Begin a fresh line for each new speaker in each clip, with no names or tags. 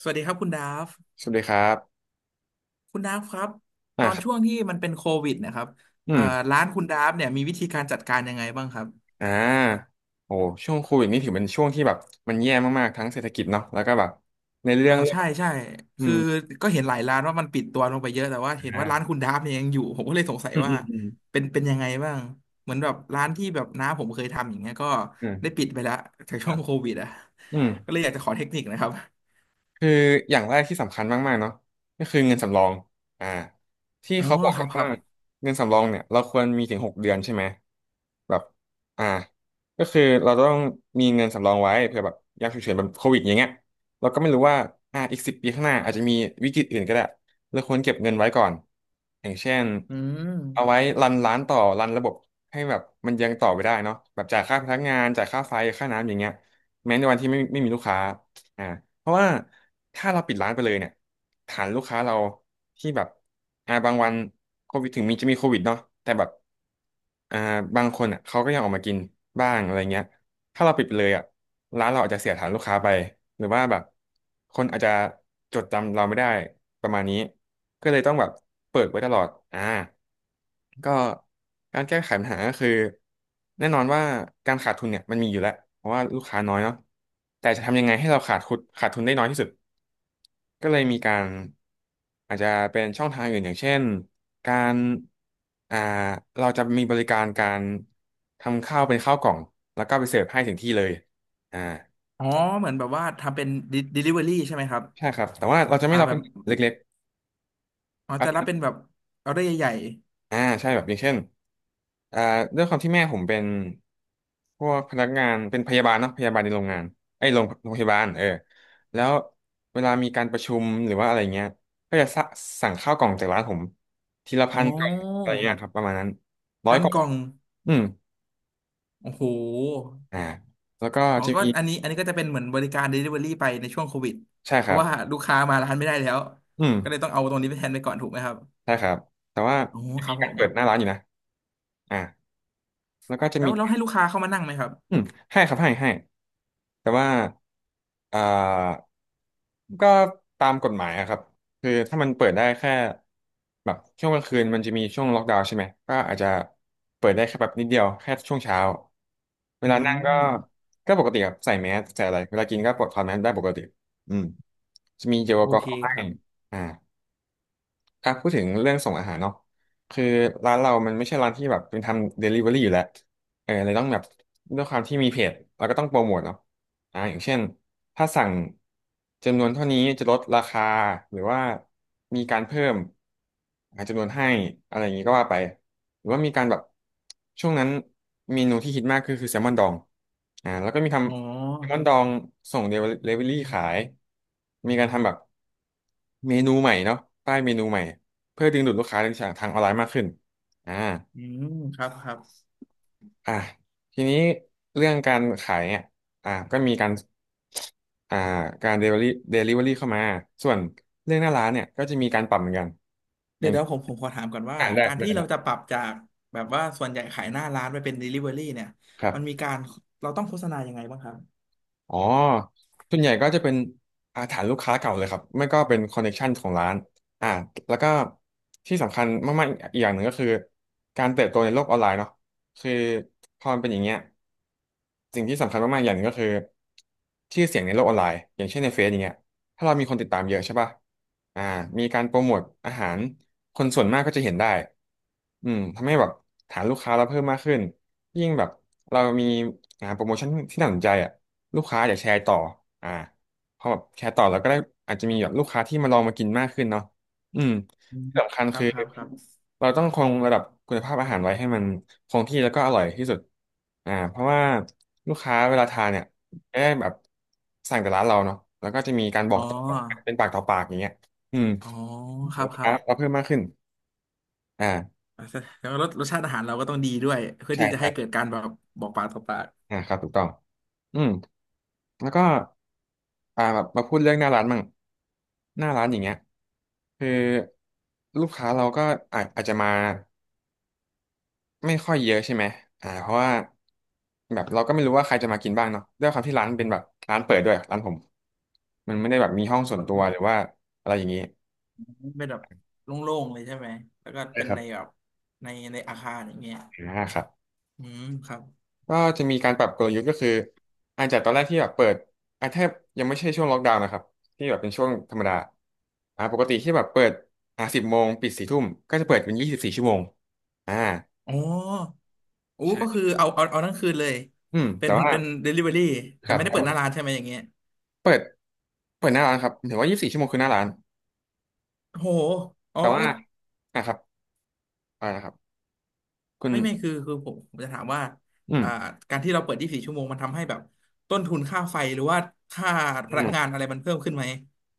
สวัสดีครับคุณดาฟ
สวัสดีครับ
คุณดาฟครับต
อ่า
อน
ครั
ช่ว
บ
งที่มันเป็นโควิดนะครับ
อืม
ร้านคุณดาฟเนี่ยมีวิธีการจัดการยังไงบ้างครับ
อ่าโอ้ช่วงโควิดนี่ถือเป็นช่วงที่แบบมันแย่มากๆ ทั้งเศรษฐกิจเนาะแล้วก็แบบในเรื่
อ่า
องเรื่อง
ใช่ใช่
อื
คือ
ม
ก็เห็นหลายร้านว่ามันปิดตัวลงไปเยอะแต่ว่า
อ
เห็นว่าร้านคุ
่า
ณดาฟเนี่ยยังอยู่ผมก็เลยสงสัย
อืม
ว่า
อืม อืม
เป็นยังไงบ้างเหมือนแบบร้านที่แบบน้าผมเคยทำอย่างเงี้ยก็
อื
ได้
ม
ปิดไปแล้วจาก
ค
ช่
รั
วง
บ
โควิดอ่ะ
อืม
ก็เลยอยากจะขอเทคนิคนะครับ
คืออย่างแรกที่สำคัญมากๆเนาะก็คือเงินสำรองอ่าที่
อ๋อ
เขาบอก
ครั
กั
บ
น
ครั
ว่า
บ
เงินสำรองเนี่ยเราควรมีถึง6 เดือนใช่ไหมแบบอ่าก็คือเราต้องมีเงินสำรองไว้เผื่อแบบยามฉุกเฉินแบบโควิดอย่างเงี้ยเราก็ไม่รู้ว่าอีก10 ปีข้างหน้าอาจจะมีวิกฤตอื่นก็ได้เราควรเก็บเงินไว้ก่อนอย่างเช่น
อืม
เอาไว้รันร้านต่อรันระบบให้แบบมันยังต่อไปได้เนาะแบบจ่ายค่าพนักงานจ่ายค่าไฟค่าน้ำอย่างเงี้ยแม้ในวันที่ไม่มีลูกค้า อ่าเพราะว่าถ้าเราปิดร้านไปเลยเนี่ยฐานลูกค้าเราที่แบบบางวันโควิดถึงมีจะมีโควิดเนาะแต่แบบอ่าบางคนอ่ะเขาก็ยังออกมากินบ้างอะไรเงี้ยถ้าเราปิดไปเลยอ่ะร้านเราอาจจะเสียฐานลูกค้าไปหรือว่าแบบคนอาจจะจดจำเราไม่ได้ประมาณนี้ก็เลยต้องแบบเปิดไว้ตลอดก็การแก้ไขปัญหาก็คือแน่นอนว่าการขาดทุนเนี่ยมันมีอยู่แล้วเพราะว่าลูกค้าน้อยเนาะแต่จะทำยังไงให้เราขาดทุนได้น้อยที่สุดก็เลยมีการอาจจะเป็นช่องทางอื่นอย่างเช่นการอ่าเราจะมีบริการการทำข้าวเป็นข้าวกล่องแล้วก็ไปเสิร์ฟให้ถึงที่เลยอ่า
อ๋อเหมือนแบบว่าทำเป็น delivery ใช่ไหมครับ
ใช่ครับแต่ว่าเราจะไม่
อ่า
รับ
แบ
เป็
บ
นเล็ก
อ๋อแต่ละ
ๆ
เป็นแบบออเดอร์ใหญ่
ใช่แบบอย่างเช่นอ่าด้วยความที่แม่ผมเป็นพวกพนักงานเป็นพยาบาลเนาะพยาบาลในโรงงานไอ้ยโรงพยาบาลเออแล้วเวลามีการประชุมหรือว่าอะไรเงี้ยก็จะสะสั่งข้าวกล่องจากร้านผมทีละ
ๆอ๋
พั
อ
นกล่องอะไรเงี้ยครับประมาณนั้นร้อย
พัน
กล่อง
กล่อง
อืม
โอ้โห
อ่าแล้วก็
อ๋อ
จะ
ก็
มี
อันนี้ก็จะเป็นเหมือนบริการ Delivery ไปในช่วงโควิด
ใช่
เพ
ครั
ราะ
บ
ว่าลูกค้ามาร้านไม่ได้แล้ว
อืม
ก็เลยต้องเอาตรงนี้ไปแทนไปก่อนถูกไหมครับ
ใช่ครับแต่ว่า
อ๋อ
จะ
ค
มี
รับผ
การ
ม
เปิดหน้าร้านอยู่นะอ่าแล้วก็จะ
แล้
มี
วเราให้ลูกค้าเข้ามานั่งไหมครับ
อืมให้ครับให้ให้ แต่ว่าอ่าก็ตามกฎหมายอะครับคือถ้ามันเปิดได้แค่แบบช่วงกลางคืนมันจะมีช่วงล็อกดาวน์ใช่ไหมก็อาจจะเปิดได้แค่แบบนิดเดียวแค่ช่วงเช้าเว
อื
ลานั่งก็
ม
ก็ปกติครับใส่แมสใส่อะไรเวลากินก็ปลดถอดแมสได้ปกติอืมจะมีเจลแอ
โอ
ลกอ
เค
ฮอล์ให้
ครับ
อ่าอ่ะพูดถึงเรื่องส่งอาหารเนาะคือร้านเรามันไม่ใช่ร้านที่แบบเป็นทำเดลิเวอรี่อยู่แล้วเออเลยต้องแบบด้วยความที่มีเพจเราก็ต้องโปรโมทเนาะ อย่างเช่นถ้าสั่งจำนวนเท่านี้จะลดราคาหรือว่ามีการเพิ่มจำนวนให้อะไรอย่างนี้ก็ว่าไปหรือว่ามีการแบบช่วงนั้นเมนูที่ฮิตมากคือแซลมอนดองแล้วก็มีท
อ๋อ
ำแซลมอนดองส่งเดลิเวอรี่ขายมีการทำแบบเมนูใหม่เนาะป้ายเมนูใหม่เพื่อดึงดูดลูกค้าทางออนไลน์มากขึ้นอ่า
อืมครับครับ
อ่ะทีนี้เรื่องการขายเนี่ยอ่ะก็มีการอ่าการเดลิเวอรี่เเข้ามาส่วนเรื่องหน้าร้านเนี่ยก็จะมีการปรับเหมือนกันอ
เดี๋ย
ย่า
ว
ง
เดี๋ยวผมขอถามก่อนว่า
อ่านได้
การ
ได้
ที่เรา
ละ
จะปรับจากแบบว่าส่วนใหญ่ขายหน้าร้านไปเป็น Delivery เนี่ย
ครั
มันมี
บ
การเราต้องโฆษณายังไงบ้างครับ
อ๋อส่วนใหญ่ก็จะเป็นอาฐานลูกค้าเก่าเลยครับไม่ก็เป็นคอนเน c t ชันของร้านอ่าแล้วก็ที่สำคัญมากๆอีกอย่างหนึ่งก็คือการเติบโตในโลกออนไลน์เนาะคือพอมันเป็นอย่างเงี้ยสิ่งที่สำคัญมากๆอย่างหนึ่งก็คือชื่อเสียงในโลกออนไลน์อย่างเช่นในเฟซอย่างเงี้ย ถ้าเรามีคนติดตามเยอะใช่ป่ะอ่ามีการโปรโมทอาหาร คนส่วนมากก็จะเห็นได้อืมทำให้แบบฐานลูกค้าเราเพิ่มมากขึ้นยิ่งแบบเรามีโปรโมชั่นที่น่าสนใจอ่ะลูกค้าอยากแชร์ต่ออ่าพอแบบแชร์ต่อเราก็ได้อาจจะมีแบบลูกค้าที่มาลองมากินมากขึ้นเนาะอืม
อืม
ที่สำคัญ
ครั
คื
บ
อ
ครับครับ
เราต้องคงระดับคุณภาพอาหารไว้ให้มันคงที่แล้วก็อร่อยที่สุดเพราะว่าลูกค้าเวลาทานเนี่ย ได้แบบสั่งแต่ร้านเราเนาะแล้วก็จะมีการบอ
อ๋
ก
อ
ต่อเป็นปากต่อปากอย่างเงี้ยอืม
อ๋อครั
ลู
บ
ก
ครั
ค้า
บ
เราเพิ่มมากขึ้นอ่า
อ่ะแล้วารสรสชาติอาหารเราก็ต้องดีด้วยเพื่อ
ใช่
ที่จะ
ใช่
ให้เกิดการแบบบอกปากต่อปาก
อ่าครับถูกต้องอืมแล้วก็แบบมาพูดเรื่องหน้าร้านมั่ง หน้าร้านอย่างเงี้ยคือลูกค้าเราก็อาจจะมาไม่ค่อยเยอะใช่ไหมอ่าเพราะว่าแบบเราก็ไม่รู้ว่าใครจะมากินบ้างเนาะด้วยความที่ร้านเป็นแบบร้านเปิดด้วยร้านผมมันไม่ได้แบบมีห้องส่วนตัวหรือว่าอะไรอย่างงี้
เป็นแบบโล่งๆเลยใช่ไหม แล้วก็
ใช่
เป็น
ครับ
ในแบบในอาคารอย่างเงี้ย
อ่าครับ
อืมครับ
ก็จะมีการปรับกลยุทธ์ก็คืออาจจะตอนแรกที่แบบเปิดอาจจะยังไม่ใช่ช่วงล็อกดาวน์นะครับที่แบบเป็นช่วงธรรมดาอ่าปกติที่แบบเปิดอ่า10 โมงปิดสี่ทุ่มก็จะเปิดเป็นยี่สิบสี่ชั่วโมงอ่า
อ๋อโอ้ก็
ใช่
คือเอาทั้งคืนเลย
อืม
เป็
แต่
น
ว่า
เป็น delivery
ค
แต่
รับ
ไม่ได้
แต่
เปิด
ว่า
หน้าร้านใช่ไหมอย่างเงี้ย
เปิดเปิดหน้าร้านครับถือว่ายี่สิบสี่ชั่วโมงคือหน้าร้าน
โหอ๋อ
แต่ว่าอ่ะครับอ่านะครับคุณ
ไม่ไม่คือผมจะถามว่า
อืม
อ่าการที่เราเปิดยี4ชั่วโมงมันทำให้แบบต้นทุนค่าไฟหรือว่าค่าพลังงานอะไรมันเพิ่มขึ้นไหม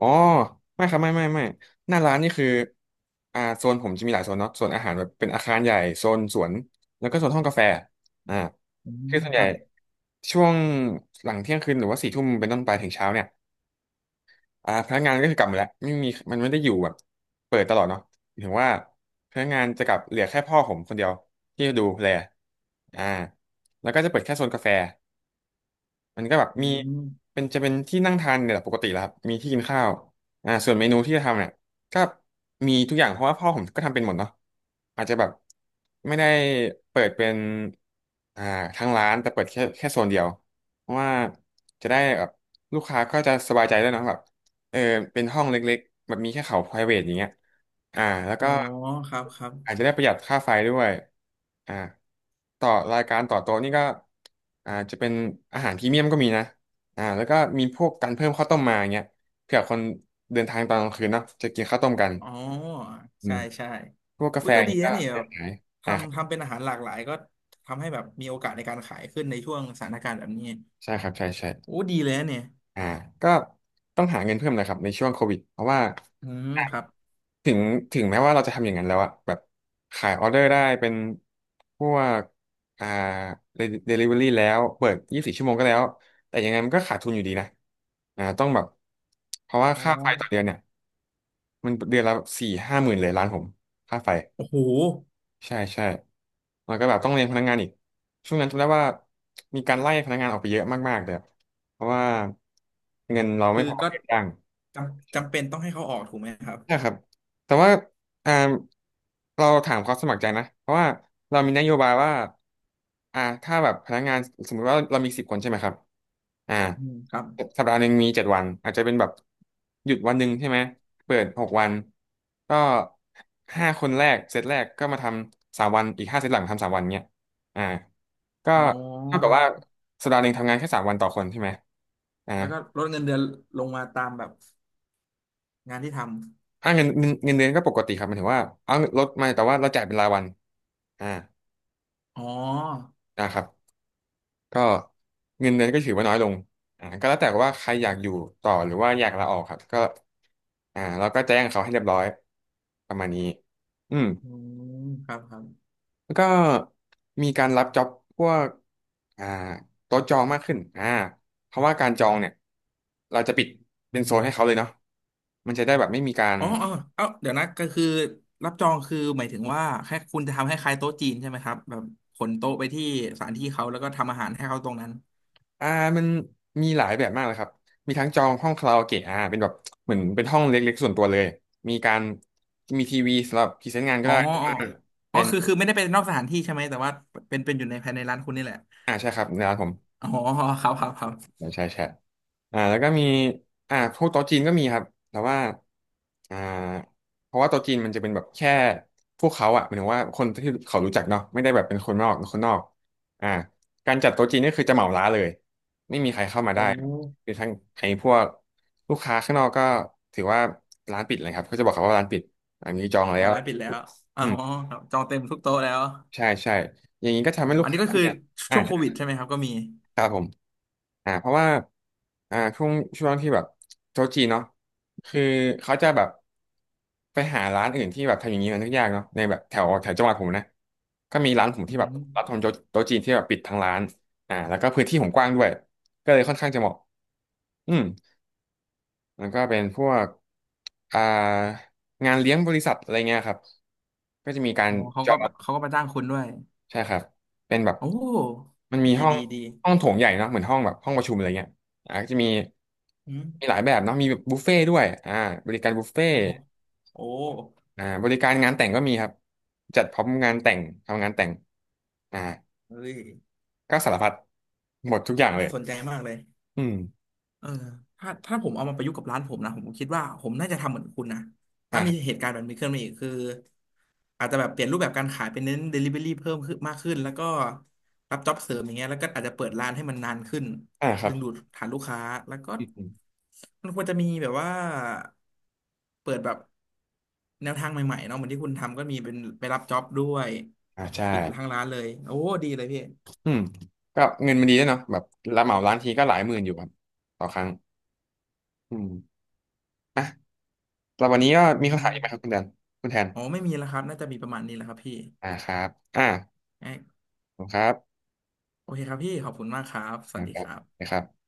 อ๋อไม่ครับไม่ไม่ไม่หน้าร้านนี่คืออ่าโซนผมจะมีหลายโซนเนาะโซนอาหารแบบเป็นอาคารใหญ่โซนสวนแล้วก็โซนห้องกาแฟอ่า
อื
คือ
ม
ส่วน
ค
ใหญ่
รับ
ช่วงหลังเที่ยงคืนหรือว่าสี่ทุ่มเป็นต้นไปถึงเช้าเนี่ยอ่าพนักงานก็คือกลับหมดแล้วไม่มีมันไม่ได้อยู่แบบเปิดตลอดเนาะถึงว่าพนักงานจะกลับเหลือแค่พ่อผมคนเดียวที่ดูแลอ่าแล้วก็จะเปิดแค่โซนกาแฟ มันก็แบบ
อื
มี
ม
เป็นจะเป็นที่นั่งทานเนี่ยแหละปกติแหลวครับมีที่กินข้าวอ่าส่วนเมนูที่จะทำเนี่ยก็มีทุกอย่างเพราะว่าพ่อผมก็ทำเป็นหมดเนาะอาจจะแบบไม่ได้เปิดเป็นอ่าทั้งร้านแต่เปิดแค่โซนเดียวเพราะว่าจะได้แบบลูกค้าก็จะสบายใจด้วยเนอะแบบ เออเป็นห้องเล็กๆแบบมีแค่เขา private อย่างเงี้ยอ่าแล้วก็
อ๋อครับครับ
อาจจะได้ประหยัดค่าไฟด้วยอ่าต่อรายการต่อโต๊ะนี่ก็อ่าจะเป็นอาหารพรีเมียมก็มีนะอ่าแล้วก็มีพวกการเพิ่มข้าวต้มมาอย่างเงี้ยเผื่อคนเดินทางตอนกลางคืนเนาะจะกินข้าวต้มกัน
อ๋อ
อื
ใช่
ม
ใช่
พวกกา
อุ้
แฟ
ย
อ
ก็
ย่าง
ดี
เงี้ยก็
นะเนี่ยแบ
ได้
บ
ขายอ่า
ทำเป็นอาหารหลากหลายก็ทำให้แบบมีโอกาสในการขายขึ้นในช่วงสถานการณ์แบบนี้
ใช่ครับใช่ใช่
โอ้ดีเลยนะเนี่ย
อ่าก็ต้องหาเงินเพิ่มนะครับในช่วงโควิดเพราะว่า
อืมครับ
ถึงถึงแม้ว่าเราจะทำอย่างนั้นแล้วอะแบบขายออเดอร์ได้เป็นพวกอ่าเดลิเวอรี่แล้วเปิดยี่สิบสี่ชั่วโมงก็แล้วแต่ยังไงมันก็ขาดทุนอยู่ดีนะอ่าต้องแบบเพราะว่า
อ๋อ
ค่าไฟต่อเดือนเนี่ยมันเดือนละ4-5 หมื่นเลยล้านผมค่าไฟ
โอ้โห
ใช่ใช่แล้วก็แบบต้องเลี้ยงพนักงานอีกช่วงนั้นจำได้ว่ามีการไล่พนักงานออกไปเยอะมากๆเลยอะเพราะว่าเงินเรา
คื
ไม่
อ
พอ
ก็
ให้จ้าง
จำเป็นต้องให้เขาออกถูกไหมครับ
นะครับแต่ว่าอ่าเราถามความสมัครใจนะ เพราะว่าเรามีนโยบายว่าอ่าถ้าแบบพนักงานสมมติว่าเรามี10 คนใช่ไหมครับอ่า
อืมครับ
สัปดาห์หนึ่งมี7 วันอาจจะเป็นแบบหยุดวันหนึ่งใช่ไหมเปิด6 วันก็5 คนแรกเซตแรกก็มาทำสามวันอีก5 เซตหลังทำสามวันเนี้ยอ่าก็
อ๋อ
เท่ากับว่าสัปดาห์หนึ่งทำงานแค่สามวันต่อคนใช่ไหมอ่า
แล้วก็ลดเงินเดือนลงมาตามแบบงานที่ท
อ่าเงินเดือนก็ปกติครับหมายถึงว่าเอาลดมาแต่ว่าเราจ่ายเป็นรายวัน อ่า
ำอ๋อ
นะครับก็เงินเดือนก็ถือว่าน้อยลงอ่าก็แล้วแต่ว่าใครอยากอยู่ต่อหรือว่าอยากลาออกครับก็อ่าเราก็แจ้งเขาให้เรียบร้อยประมาณนี้อืม
อืมครับครับ
แล้วก็มีการรับจ็อบพวกอ่าโต๊ะจองมากขึ้นอ่าเพราะว่าการจองเนี่ยเราจะปิดเป็นโซนให้เขาเลยเนาะมันจะได้แบบไม่มีการ
อ๋อเออเอ้าเดี๋ยวนะก็คือรับจองคือหมายถึงว่าแค่คุณจะทำให้คล้ายโต๊ะจีนใช่ไหมครับแบบขนโต๊ะไปที่สถานที่เขาแล้วก็ทำอาหารให้เขาตรงนั้น
อ่ามันมีหลายแบบมากเลยครับมีทั้งจองห้องคาราโอเกะอ่าเป็นแบบเหมือนเป็นห้องเล็กๆส่วนตัวเลยมีการมีทีวีสำหรับพรีเซนต์งานก็
อ๋อ
ได้
อ๋
แต่
อ
ว่า
อ๋อ
เป็น
คือไม่ได้เป็นนอกสถานที่ใช่ไหมแต่ว่าเป็นอยู่ในภายในร้านคุณนี่แหละ
อ่าใช่ครับในร้านผม
อ๋อครับครับครับ
ไม่ใช่แชทอ่าแล้วก็มีอ่าพวกโต๊ะจีนก็มีครับ แต่ว่าอ่าเพราะว่าโต๊ะจีนมันจะเป็นแบบแค่พวกเขาอะหมายถึงว่าคนที่เขารู้จักเนาะไม่ได้แบบเป็นคนนอกคนนอกอ่าการจัดโต๊ะจีนนี่คือจะเหมาร้านเลย ไม่มีใครเข้ามาได้
โอ้
คือทั้งไอ้พวกลูกค้าข้างนอกก็ถือว่าร้านปิดเลยครับเขาจะบอกเขาว่าร้านปิดอันนี้จอง
อ๋
แล้
อ
ว
ร้านปิดแล้วอ๋อ
อืม
ครับจองเต็มทุกโต๊ะแล้ว
ใช่ใช่อย่างนี้ก็
โอ้
ทำให้ลู
อั
ก
นนี้
ค้า
ก็คือ
เนี่ย
ช่วงโควิดใช่ไหมครับก็มี
ครับผมอ่าเพราะว่าอ่าช่วงที่แบบโต๊ะจีนเนาะคือเขาจะแบบไปหาร้านอื่นที่แบบทำอย่างนี้มันยากเนาะในแบบแถวแถวจังหวัดผมนะก็มีร้านผม
อื
ที่แบบ
ม
รับทำโต๊ะจีนที่แบบปิดทั้งร้านอ่าแล้วก็พื้นที่ผมกว้างด้วยก็เลยค่อนข้างจะเหมาะอืมมันก็เป็นพวกอ่างานเลี้ยงบริษัทอะไรเงี้ยครับก็จะมีการ
โอ้เขา
จอ
ก็
ง
เขาก็มาจ้างคุณด้วย
ใช่ครับเป็นแบบ
โอ้
มันมี
ดี
ห้อง
ดีดี
ห้องโถงใหญ่เนาะเหมือนห้องแบบห้องประชุมอะไรเงี้ยอ่าก็จะมี
อื
มีห
ม
ลายแบบเนาะมีแบบบุฟเฟ่ด้วยอ่าบริการบุฟเฟ่
โอ้โหโอ้
อ่าบริการงานแต่งก็มีครับจัดพร้อมงานแต่งทำงานแต่งอ่า
เฮ้ย
ก็สารพัดหมดทุกอย่างเล
น่า
ย
สนใจมากเลย
อืม
เออถ้าผมเอามาประยุกต์กับร้านผมนะผมคิดว่าผมน่าจะทำเหมือนคุณนะถ้ามี
อ่า
เหตุการณ์แบบนี้ขึ้นมาอีกคืออาจจะแบบเปลี่ยนรูปแบบการขายเป็นเน้น Delivery เพิ่มขึ้นมากขึ้นแล้วก็รับจ็อบเสริมอย่างเงี้ยแล้วก็อาจจะเปิดร้านให้มันนานขึ้น
อ่าครั
ดึ
บ
งดูดฐานลูกค้าแล้วก็
อืม
มันควรจะมีแบบว่าเปิดแบบแนวทางใหม่ๆเนาะเหมือนที่คุณทำก็มีเป็นไปรับจ็อบด้วย
อ่าใช่
ปิดทางร้านเลยโอ้ดีเลยพี่
อืมก็เงินมันดีด้วยเนาะแบบเราเหมาร้านทีก็หลายหมื่นอยู่ครับต่อครั้งอืมอ่ะแล้ววันนี้ก็
อื
มีคำถามอีกไหมครับคุ
ม
ณแดนคุณแทน
อ๋อไม่มีแล้วครับน่าจะมีประมาณนี้แหละครับพี่
อ่าครับอ่าขอบคุณครับ
โอเคครับพี่ขอบคุณมากครับ สวัส
นะ
ดี
ครั
ค
บ
รับ
นะครับ